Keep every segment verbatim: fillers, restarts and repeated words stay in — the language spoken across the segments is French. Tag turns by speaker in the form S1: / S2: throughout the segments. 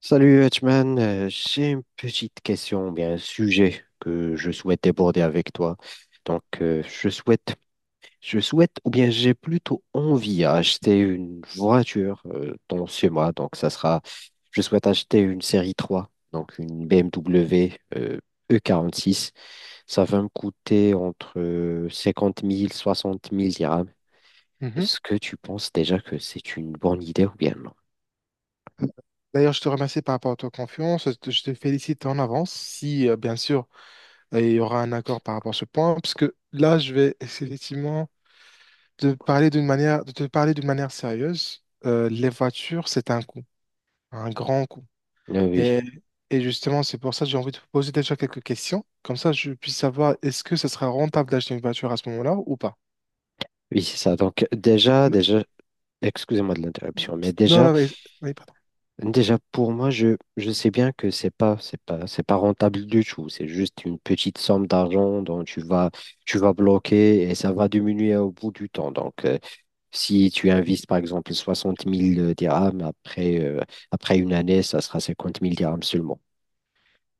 S1: Salut Hutchman. Euh, j'ai une petite question, bien un sujet que je souhaite aborder avec toi. Donc, euh, je souhaite, je souhaite, ou bien j'ai plutôt envie à acheter une voiture euh, dans ce mois. Donc, ça sera, je souhaite acheter une série trois, donc une B M W euh, E quarante-six. Ça va me coûter entre euh, cinquante mille, soixante mille dirhams.
S2: Mhm.
S1: Est-ce que tu penses déjà que c'est une bonne idée ou bien non?
S2: D'ailleurs, je te remercie par rapport à ta confiance. Je te je te félicite en avance si, euh, bien sûr, euh, il y aura un accord par rapport à ce point, parce que là, je vais effectivement te parler d'une manière, de te parler d'une manière sérieuse. Euh, les voitures, c'est un coût, un grand coût.
S1: Euh, Oui,
S2: Et, et justement, c'est pour ça que j'ai envie de te poser déjà quelques questions. Comme ça, je puisse savoir est-ce que ce sera rentable d'acheter une voiture à ce moment-là ou pas.
S1: oui, c'est ça. Donc déjà, déjà, excusez-moi de l'interruption, mais
S2: Non,
S1: déjà,
S2: non, mais- oui.
S1: déjà, pour moi, je, je sais bien que c'est pas, c'est pas, c'est pas rentable du tout. C'est juste une petite somme d'argent dont tu vas, tu vas bloquer et ça va diminuer au bout du temps. Donc, euh, si tu investis, par exemple, soixante mille dirhams, après, euh, après une année, ça sera cinquante mille dirhams seulement.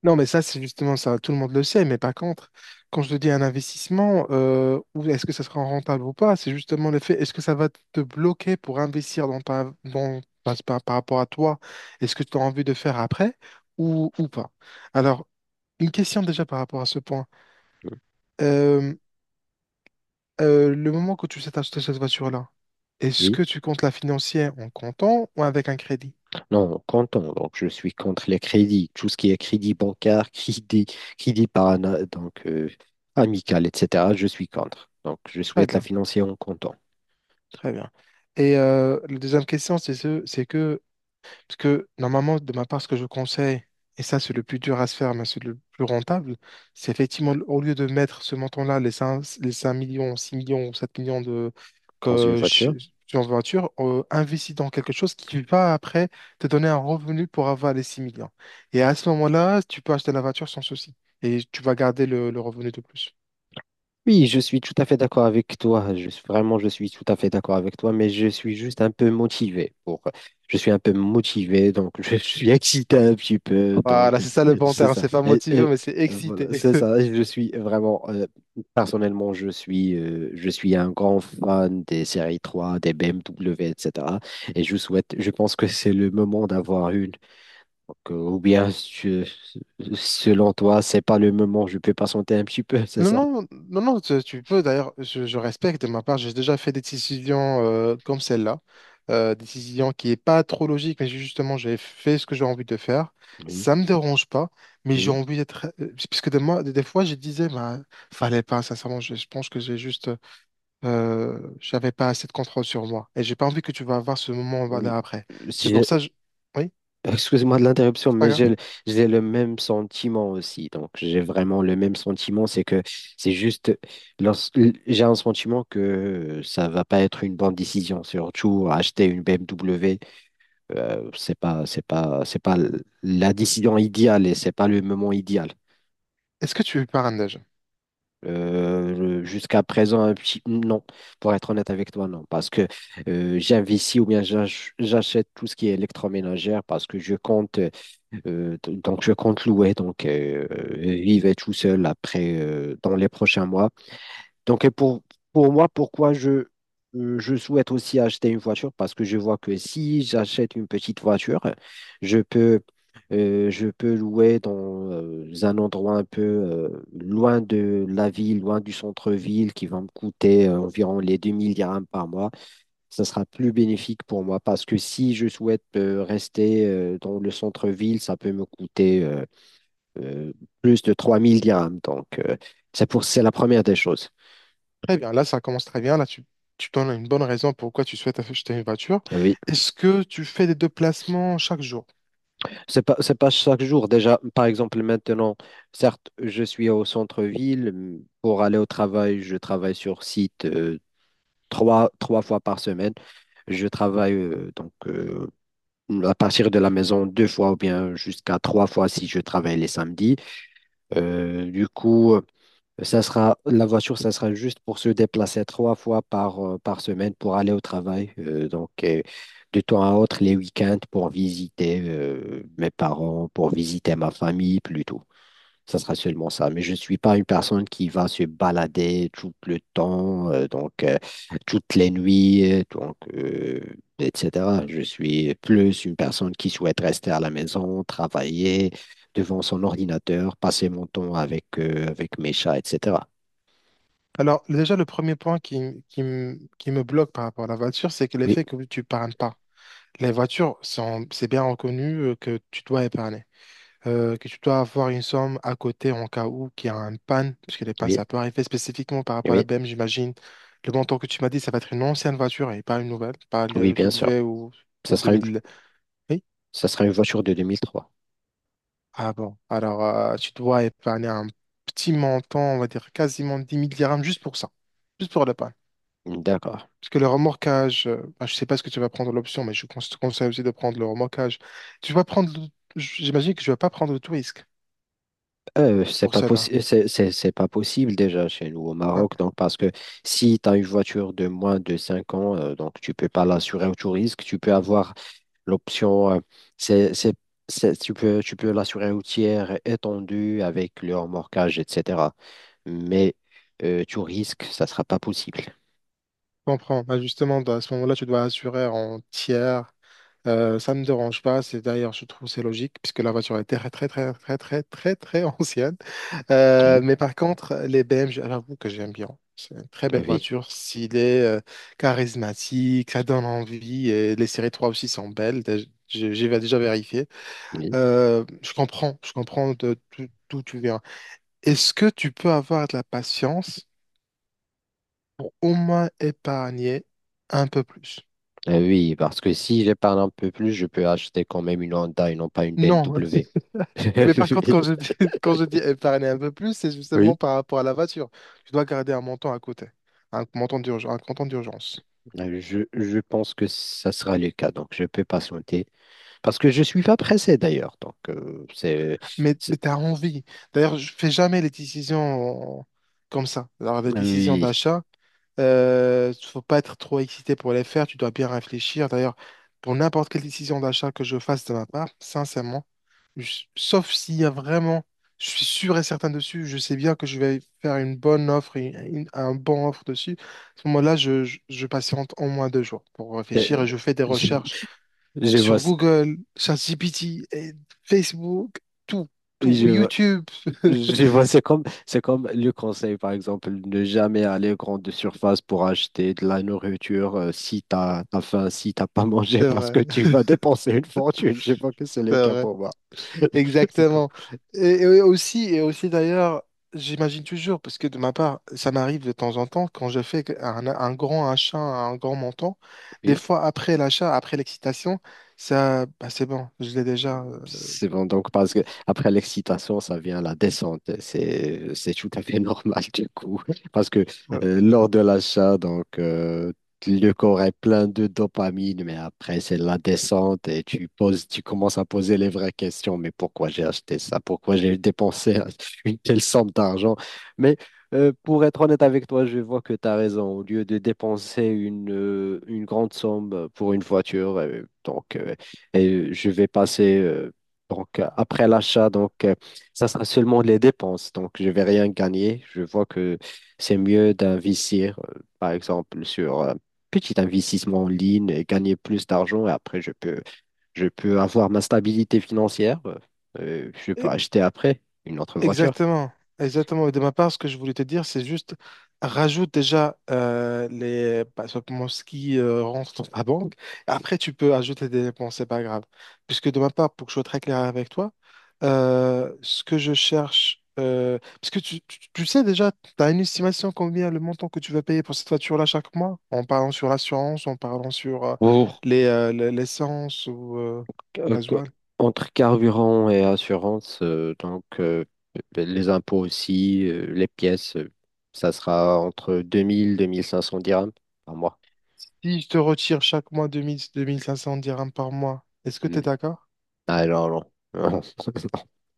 S2: Non, mais ça, c'est justement ça. Tout le monde le sait. Mais par contre, quand je te dis un investissement, euh, ou est-ce que ça sera rentable ou pas, c'est justement le fait, est-ce que ça va te bloquer pour investir dans ta, dans, par, par- par rapport à toi est ce que tu as envie de faire après ou, ou pas. Alors, une question déjà par rapport à ce point.
S1: Mm.
S2: Euh, euh, le moment que tu t'achètes cette voiture-là, est-ce
S1: Oui,
S2: que tu comptes la financer en comptant ou avec un crédit?
S1: non, comptons. Donc, je suis contre les crédits. Tout ce qui est crédit bancaire, crédit, crédit parana, donc, euh, amical, et cetera, je suis contre. Donc, je
S2: Très
S1: souhaite la
S2: bien,
S1: financer en comptant.
S2: très bien. Et euh, la deuxième question, c'est ce, c'est que parce que normalement, de ma part, ce que je conseille, et ça c'est le plus dur à se faire, mais c'est le plus rentable, c'est effectivement, au lieu de mettre ce montant-là, les cinq, les cinq millions, six millions ou sept millions de
S1: Dans une
S2: que, ch-
S1: voiture?
S2: sur une voiture, euh, investis dans quelque chose qui va après te donner un revenu pour avoir les six millions. Et à ce moment-là, tu peux acheter la voiture sans souci. Et tu vas garder le, le revenu de plus.
S1: Oui, je suis tout à fait d'accord avec toi. Je suis, vraiment, je suis tout à fait d'accord avec toi, mais je suis juste un peu motivé pour, je suis un peu motivé, donc je suis excité un petit peu, donc
S2: Voilà, c'est ça le bon
S1: c'est
S2: terme.
S1: ça.
S2: C'est pas
S1: Et-
S2: motivé,
S1: et
S2: mais c'est
S1: euh,
S2: excité.
S1: voilà, c'est ça. Je suis vraiment, euh, personnellement, je suis, euh, je suis un grand fan des séries trois, des B M W, et cetera. Et cetera. Et je souhaite, je pense que c'est le moment d'avoir une. Donc, euh, ou bien, je- selon toi, c'est pas le moment, je peux patienter un petit peu, c'est
S2: Non,
S1: ça?
S2: non, non, non, tu tu peux. D'ailleurs, je, je respecte de ma part. J'ai déjà fait des décisions euh, comme celle-là. Euh, décision qui n'est pas trop logique, mais justement, j'ai fait ce que j'ai envie de faire.
S1: Oui.
S2: Ça me dérange pas, mais j'ai
S1: Oui.
S2: envie d'être. euh, Puisque des, moi, des fois, je disais, bah, fallait pas, sincèrement, je, je pense que j'ai juste. Euh, j'avais pas assez de contrôle sur moi. Et j'ai pas envie que tu vas avoir ce moment
S1: Mm.
S2: là après.
S1: si
S2: C'est
S1: j'ai-
S2: pour ça, je- oui,
S1: Excuse-moi de l'interruption,
S2: c'est pas
S1: mais
S2: grave.
S1: j'ai j'ai le même sentiment aussi. Donc, j'ai vraiment le même sentiment. C'est que c'est juste, lors- j'ai un sentiment que ça va pas être une bonne décision. Surtout, acheter une B M W, euh, c'est pas, c'est pas, c'est pas la décision idéale et c'est pas le moment idéal.
S2: Est-ce que tu parles déjà?
S1: Euh, le- jusqu'à présent, un petit non, pour être honnête avec toi, non, parce que euh, j'investis ou bien j'ach- j'achète tout ce qui est électroménager parce que je compte. Euh, d- donc, je compte louer. Donc, euh, euh, il va tout seul après, euh, dans les prochains mois. Donc, et pour, pour moi, pourquoi je, euh, je souhaite aussi acheter une voiture? Parce que je vois que si j'achète une petite voiture, je peux, euh, je peux louer dans euh, un endroit un peu euh, loin de la ville, loin du centre-ville, qui va me coûter euh, environ les deux mille dirhams par mois. Ça sera plus bénéfique pour moi parce que si je souhaite euh, rester euh, dans le centre-ville, ça peut me coûter euh, euh, plus de trois mille dirhams. Donc, euh, c'est pour, c'est la première des choses.
S2: Très bien, là ça commence très bien. Là tu, tu donnes une bonne raison pourquoi tu souhaites acheter une voiture.
S1: Euh, Oui,
S2: Est-ce que tu fais des déplacements chaque jour?
S1: c'est pas, c'est pas chaque jour. Déjà, par exemple, maintenant, certes, je suis au centre-ville. m- Pour aller au travail, je travaille sur site euh, trois, trois fois par semaine. Je travaille euh, donc euh, à partir de la maison deux fois ou bien jusqu'à trois fois si je travaille les samedis. Euh, du coup, ça sera, la voiture, ça sera juste pour se déplacer trois fois par, euh, par semaine pour aller au travail. Euh, donc, euh, de temps à autre, les week-ends pour visiter euh, mes parents, pour visiter ma famille plutôt. Ça sera seulement ça. Mais je ne suis pas une personne qui va se balader tout le temps, euh, donc euh, toutes les nuits, euh, donc, euh, et cetera. Je suis plus une personne qui souhaite rester à la maison, travailler devant son ordinateur, passer mon temps avec, euh, avec mes chats, et cetera.
S2: Alors déjà le premier point qui, qui, m- qui me bloque par rapport à la voiture, c'est que
S1: Oui,
S2: l'effet que tu épargnes pas. Les voitures, sont- c'est bien reconnu euh, que tu dois épargner, euh, que tu dois avoir une somme à côté en cas où qu'il y a une panne, puisque les pannes
S1: oui,
S2: ça peut arriver spécifiquement par rapport à la
S1: oui,
S2: B M, j'imagine. Le montant que tu m'as dit, ça va être une ancienne voiture et pas une nouvelle, pas
S1: oui,
S2: le
S1: bien sûr.
S2: W ou,
S1: Ça
S2: ou
S1: sera une,
S2: deux mille.
S1: Ça sera une voiture de deux mille trois.
S2: Ah bon, alors euh, tu dois épargner un petit montant, on va dire quasiment dix mille dirhams juste pour ça, juste pour le pain.
S1: D'accord.
S2: Parce que le remorquage, euh, bah, je ne sais pas ce que tu vas prendre l'option, mais je conse- te conseille aussi de prendre le remorquage. Tu vas prendre, le- j'imagine que tu vas pas prendre le tout risque
S1: Euh, c'est
S2: pour
S1: pas
S2: cela.
S1: possible, c'est c'est- c'est pas possible déjà chez nous au
S2: Hein.
S1: Maroc. Donc, parce que si tu as une voiture de moins de cinq ans, euh, donc tu peux pas l'assurer au touriste. Tu peux avoir l'option, euh, c'est, c'est, c'est- tu peux, tu peux l'assurer au tiers étendu avec le remorquage, et cetera. Mais euh, tu risques, ça sera pas possible.
S2: Comprends. Bah, justement, bah, à ce moment-là, tu dois assurer en tiers. Euh, ça ne me dérange pas. C'est d'ailleurs, je trouve, c'est logique puisque la voiture est très, très, très, très, très, très, très ancienne. Euh,
S1: Oui,
S2: mais par contre, les B M G, j'avoue que j'aime bien. C'est une très belle
S1: oui,
S2: voiture, stylée, euh, charismatique, ça donne envie. Et les séries trois aussi sont belles. Dé- J'ai j'ai déjà vérifié.
S1: oui.
S2: Euh, je comprends, je comprends de- d'o- d'où tu viens. Est-ce que tu peux avoir de la patience pour au moins épargner un peu plus?
S1: Euh, oui, parce que si j'épargne un peu plus, je peux acheter quand même une Honda et non pas une
S2: Non,
S1: B M W.
S2: mais par contre, quand je dis, quand je dis épargner un peu plus, c'est
S1: Oui,
S2: justement par rapport à la voiture. Tu dois garder un montant à côté, un montant d'urgence, un montant d'urgence.
S1: euh, je, je pense que ça sera le cas, donc je peux patienter. Parce que je suis pas pressé d'ailleurs, donc euh, c'est...
S2: Mais, mais
S1: c'est-
S2: tu as envie. D'ailleurs, je fais jamais les décisions euh, comme ça. Alors, les décisions
S1: Oui,
S2: d'achat, euh, faut pas être trop excité pour les faire, tu dois bien réfléchir. D'ailleurs, pour n'importe quelle décision d'achat que je fasse de ma part, sincèrement, Je- sauf s'il y a vraiment, je suis sûr et certain dessus, je sais bien que je vais faire une bonne offre, et une- un bon offre dessus. À ce moment-là, je, je- je patiente au moins deux jours pour
S1: c'est-
S2: réfléchir et je fais des
S1: je,
S2: recherches
S1: je vois,
S2: sur
S1: ça.
S2: Google, ChatGPT, et Facebook, tout,
S1: Oui,
S2: tout,
S1: je
S2: YouTube.
S1: je vois, c'est comme, c'est comme le conseil, par exemple, ne jamais aller aux grandes surfaces pour acheter de la nourriture euh, si t'as, t'as faim, si t'as pas mangé,
S2: C'est
S1: parce
S2: vrai,
S1: que tu vas dépenser une fortune. Je vois que c'est le
S2: c'est
S1: cas
S2: vrai.
S1: pour moi. C'est cool.
S2: Exactement. Et, et aussi, et aussi d'ailleurs, j'imagine toujours, parce que de ma part, ça m'arrive de temps en temps, quand je fais un, un grand achat, un grand montant, des fois après l'achat, après l'excitation, ça, bah, c'est bon, je l'ai déjà.
S1: C'est bon, donc parce que après l'excitation, ça vient la descente. C'est c'est tout à fait normal du coup. Parce que
S2: euh,
S1: euh, lors de l'achat, donc euh, le corps est plein de dopamine, mais après c'est la descente et tu poses, tu commences à poser les vraies questions. Mais pourquoi j'ai acheté ça? Pourquoi j'ai dépensé une telle somme d'argent? Mais euh, pour être honnête avec toi, je vois que tu as raison. Au lieu de dépenser une, euh, une grande somme pour une voiture, euh, donc euh, et je vais passer euh, donc, euh, après l'achat, donc, euh, ça sera seulement les dépenses. Donc, je vais rien gagner. Je vois que c'est mieux d'investir, euh, par exemple, sur un petit investissement en ligne et gagner plus d'argent. Et après, je peux, je peux avoir ma stabilité financière. euh, je peux
S2: euh,
S1: acheter après une autre voiture.
S2: Exactement, exactement. Et de ma part, ce que je voulais te dire, c'est juste rajoute déjà euh, les bah, simplement ce qui euh, rentre dans ta banque. Après, tu peux ajouter des dépenses, c'est pas grave. Puisque de ma part, pour que je sois très clair avec toi, euh, ce que je cherche, euh, parce que tu, tu- tu sais déjà, tu as une estimation combien le montant que tu vas payer pour cette voiture-là chaque mois, en parlant sur l'assurance, en parlant sur euh,
S1: Pour,
S2: les euh, le- l'essence ou euh,
S1: euh, que-
S2: gasoil.
S1: Entre carburant et assurance, euh, donc euh, ben, les impôts aussi, euh, les pièces, euh, ça sera entre deux mille et deux mille cinq cents dirhams par mois.
S2: Si je te retire chaque mois deux deux mille deux mille cinq cents dirhams par mois, est-ce que
S1: Mm.
S2: tu es d'accord?
S1: Ah non, non.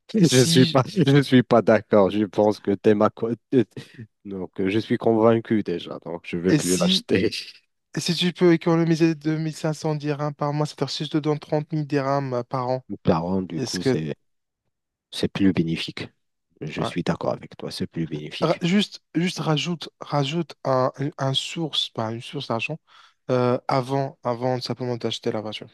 S1: Je suis
S2: Si,
S1: pas, je suis pas d'accord. Je pense que t'es ma co- t'es-. Donc, euh, je suis convaincu déjà. Donc, je vais
S2: et
S1: plus
S2: si,
S1: l'acheter.
S2: et si tu peux économiser deux mille cinq cents dirhams par mois, c'est-à-dire si je te donne trente mille dirhams euh, par an,
S1: Par contre, du
S2: est-ce
S1: coup,
S2: que...
S1: c'est, c'est plus bénéfique. Je
S2: ouais.
S1: suis d'accord avec toi. C'est plus
S2: Ra-
S1: bénéfique.
S2: Juste, juste rajoute, rajoute un, un- un source, pas une source d'argent, euh, avant, avant simplement d'acheter la voiture.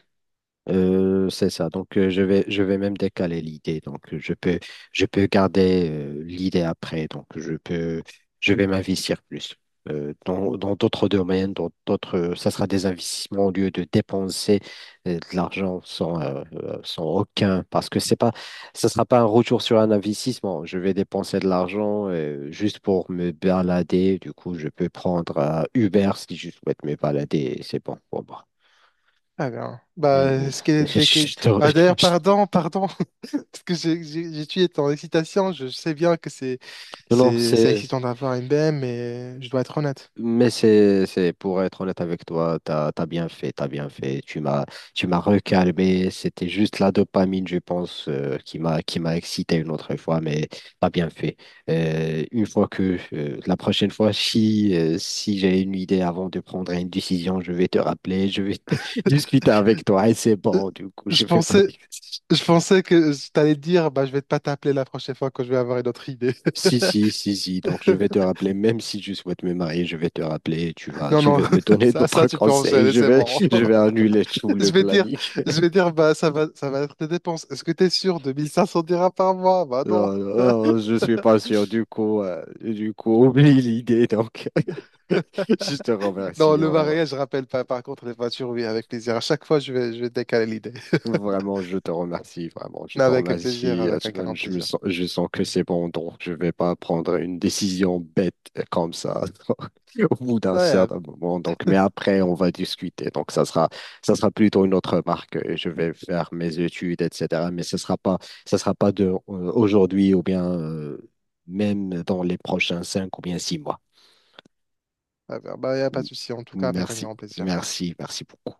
S1: Euh, c'est ça. Donc, euh, je vais, je vais même décaler l'idée. Donc, euh, je peux, je peux garder euh, l'idée après. Donc, je peux, je vais m'investir plus euh, dans, dans d'autres domaines, dans d'autres. euh, Ça sera des investissements au lieu de dépenser euh, de l'argent sans, euh, euh, sans aucun. Parce que c'est pas, Ça sera pas un retour sur un investissement. Je vais dépenser de l'argent euh, juste pour me balader. Du coup, je peux prendre euh, Uber si je souhaite me balader. C'est bon pour moi.
S2: Ah bien. Bah,
S1: Mhm.
S2: est-ce qu'il y a des cases-
S1: Je te
S2: bah,
S1: re-
S2: d'ailleurs,
S1: je-
S2: pardon, pardon, parce que j'ai j'ai- j'ai tué ton excitation. Je sais bien que c'est
S1: Non, non,
S2: c'est c'est
S1: c'est...
S2: excitant d'avoir une B M, mais je dois être honnête.
S1: Mais c'est, c'est, pour être honnête avec toi, t'as, t'as bien fait, t'as bien fait. Tu m'as, tu m'as recalmé. C'était juste la dopamine, je pense, euh, qui m'a, qui m'a excité une autre fois, mais t'as bien fait. Euh, une fois que, euh, la prochaine fois, si, euh, si j'ai une idée avant de prendre une décision, je vais te rappeler, je vais discuter avec toi et c'est
S2: Euh,
S1: bon, du coup,
S2: Je
S1: je fais pas.
S2: pensais je pensais que je t'allais dire, bah, je vais pas t'appeler la prochaine fois quand je vais avoir une autre idée.
S1: Si, si, si, si. Donc, je vais te rappeler, même si tu souhaites me marier, je vais te rappeler. Tu vas,
S2: Non,
S1: tu
S2: non,
S1: vas me donner
S2: ça, ça
S1: d'autres
S2: tu peux
S1: conseils.
S2: enchaîner,
S1: Je
S2: c'est
S1: vais,
S2: bon.
S1: je vais annuler tout
S2: Je
S1: le
S2: vais dire,
S1: planning.
S2: je vais dire, bah, ça va, ça va être des dépenses. Est-ce que t'es sûr de mille cinq cents dirhams par mois? Bah non.
S1: Non, non, je suis pas sûr. Du coup, euh, du coup, oublie l'idée. Donc, je te
S2: Non,
S1: remercie
S2: le
S1: vraiment.
S2: mariage, je rappelle pas. Par contre, les voitures, oui, avec plaisir. À chaque fois, je vais, je vais décaler l'idée.
S1: Vraiment, je te remercie, vraiment, je
S2: Mais
S1: te
S2: avec plaisir,
S1: remercie,
S2: avec un
S1: Asman.
S2: grand
S1: Je me
S2: plaisir.
S1: sens, je sens que c'est bon, donc je vais pas prendre une décision bête euh, comme ça au bout d'un
S2: Ouais, euh,
S1: certain moment. Donc, mais après, on va discuter. Donc, ça sera, ça sera plutôt une autre marque. euh, Je vais faire mes études, et cetera. Mais ce sera pas, Ça sera pas de euh, aujourd'hui ou bien euh, même dans les prochains cinq ou bien six mois.
S2: ouais, ouais, bah, y a pas de
S1: M-
S2: souci. En tout cas, avec un
S1: Merci,
S2: grand plaisir.
S1: merci, merci beaucoup.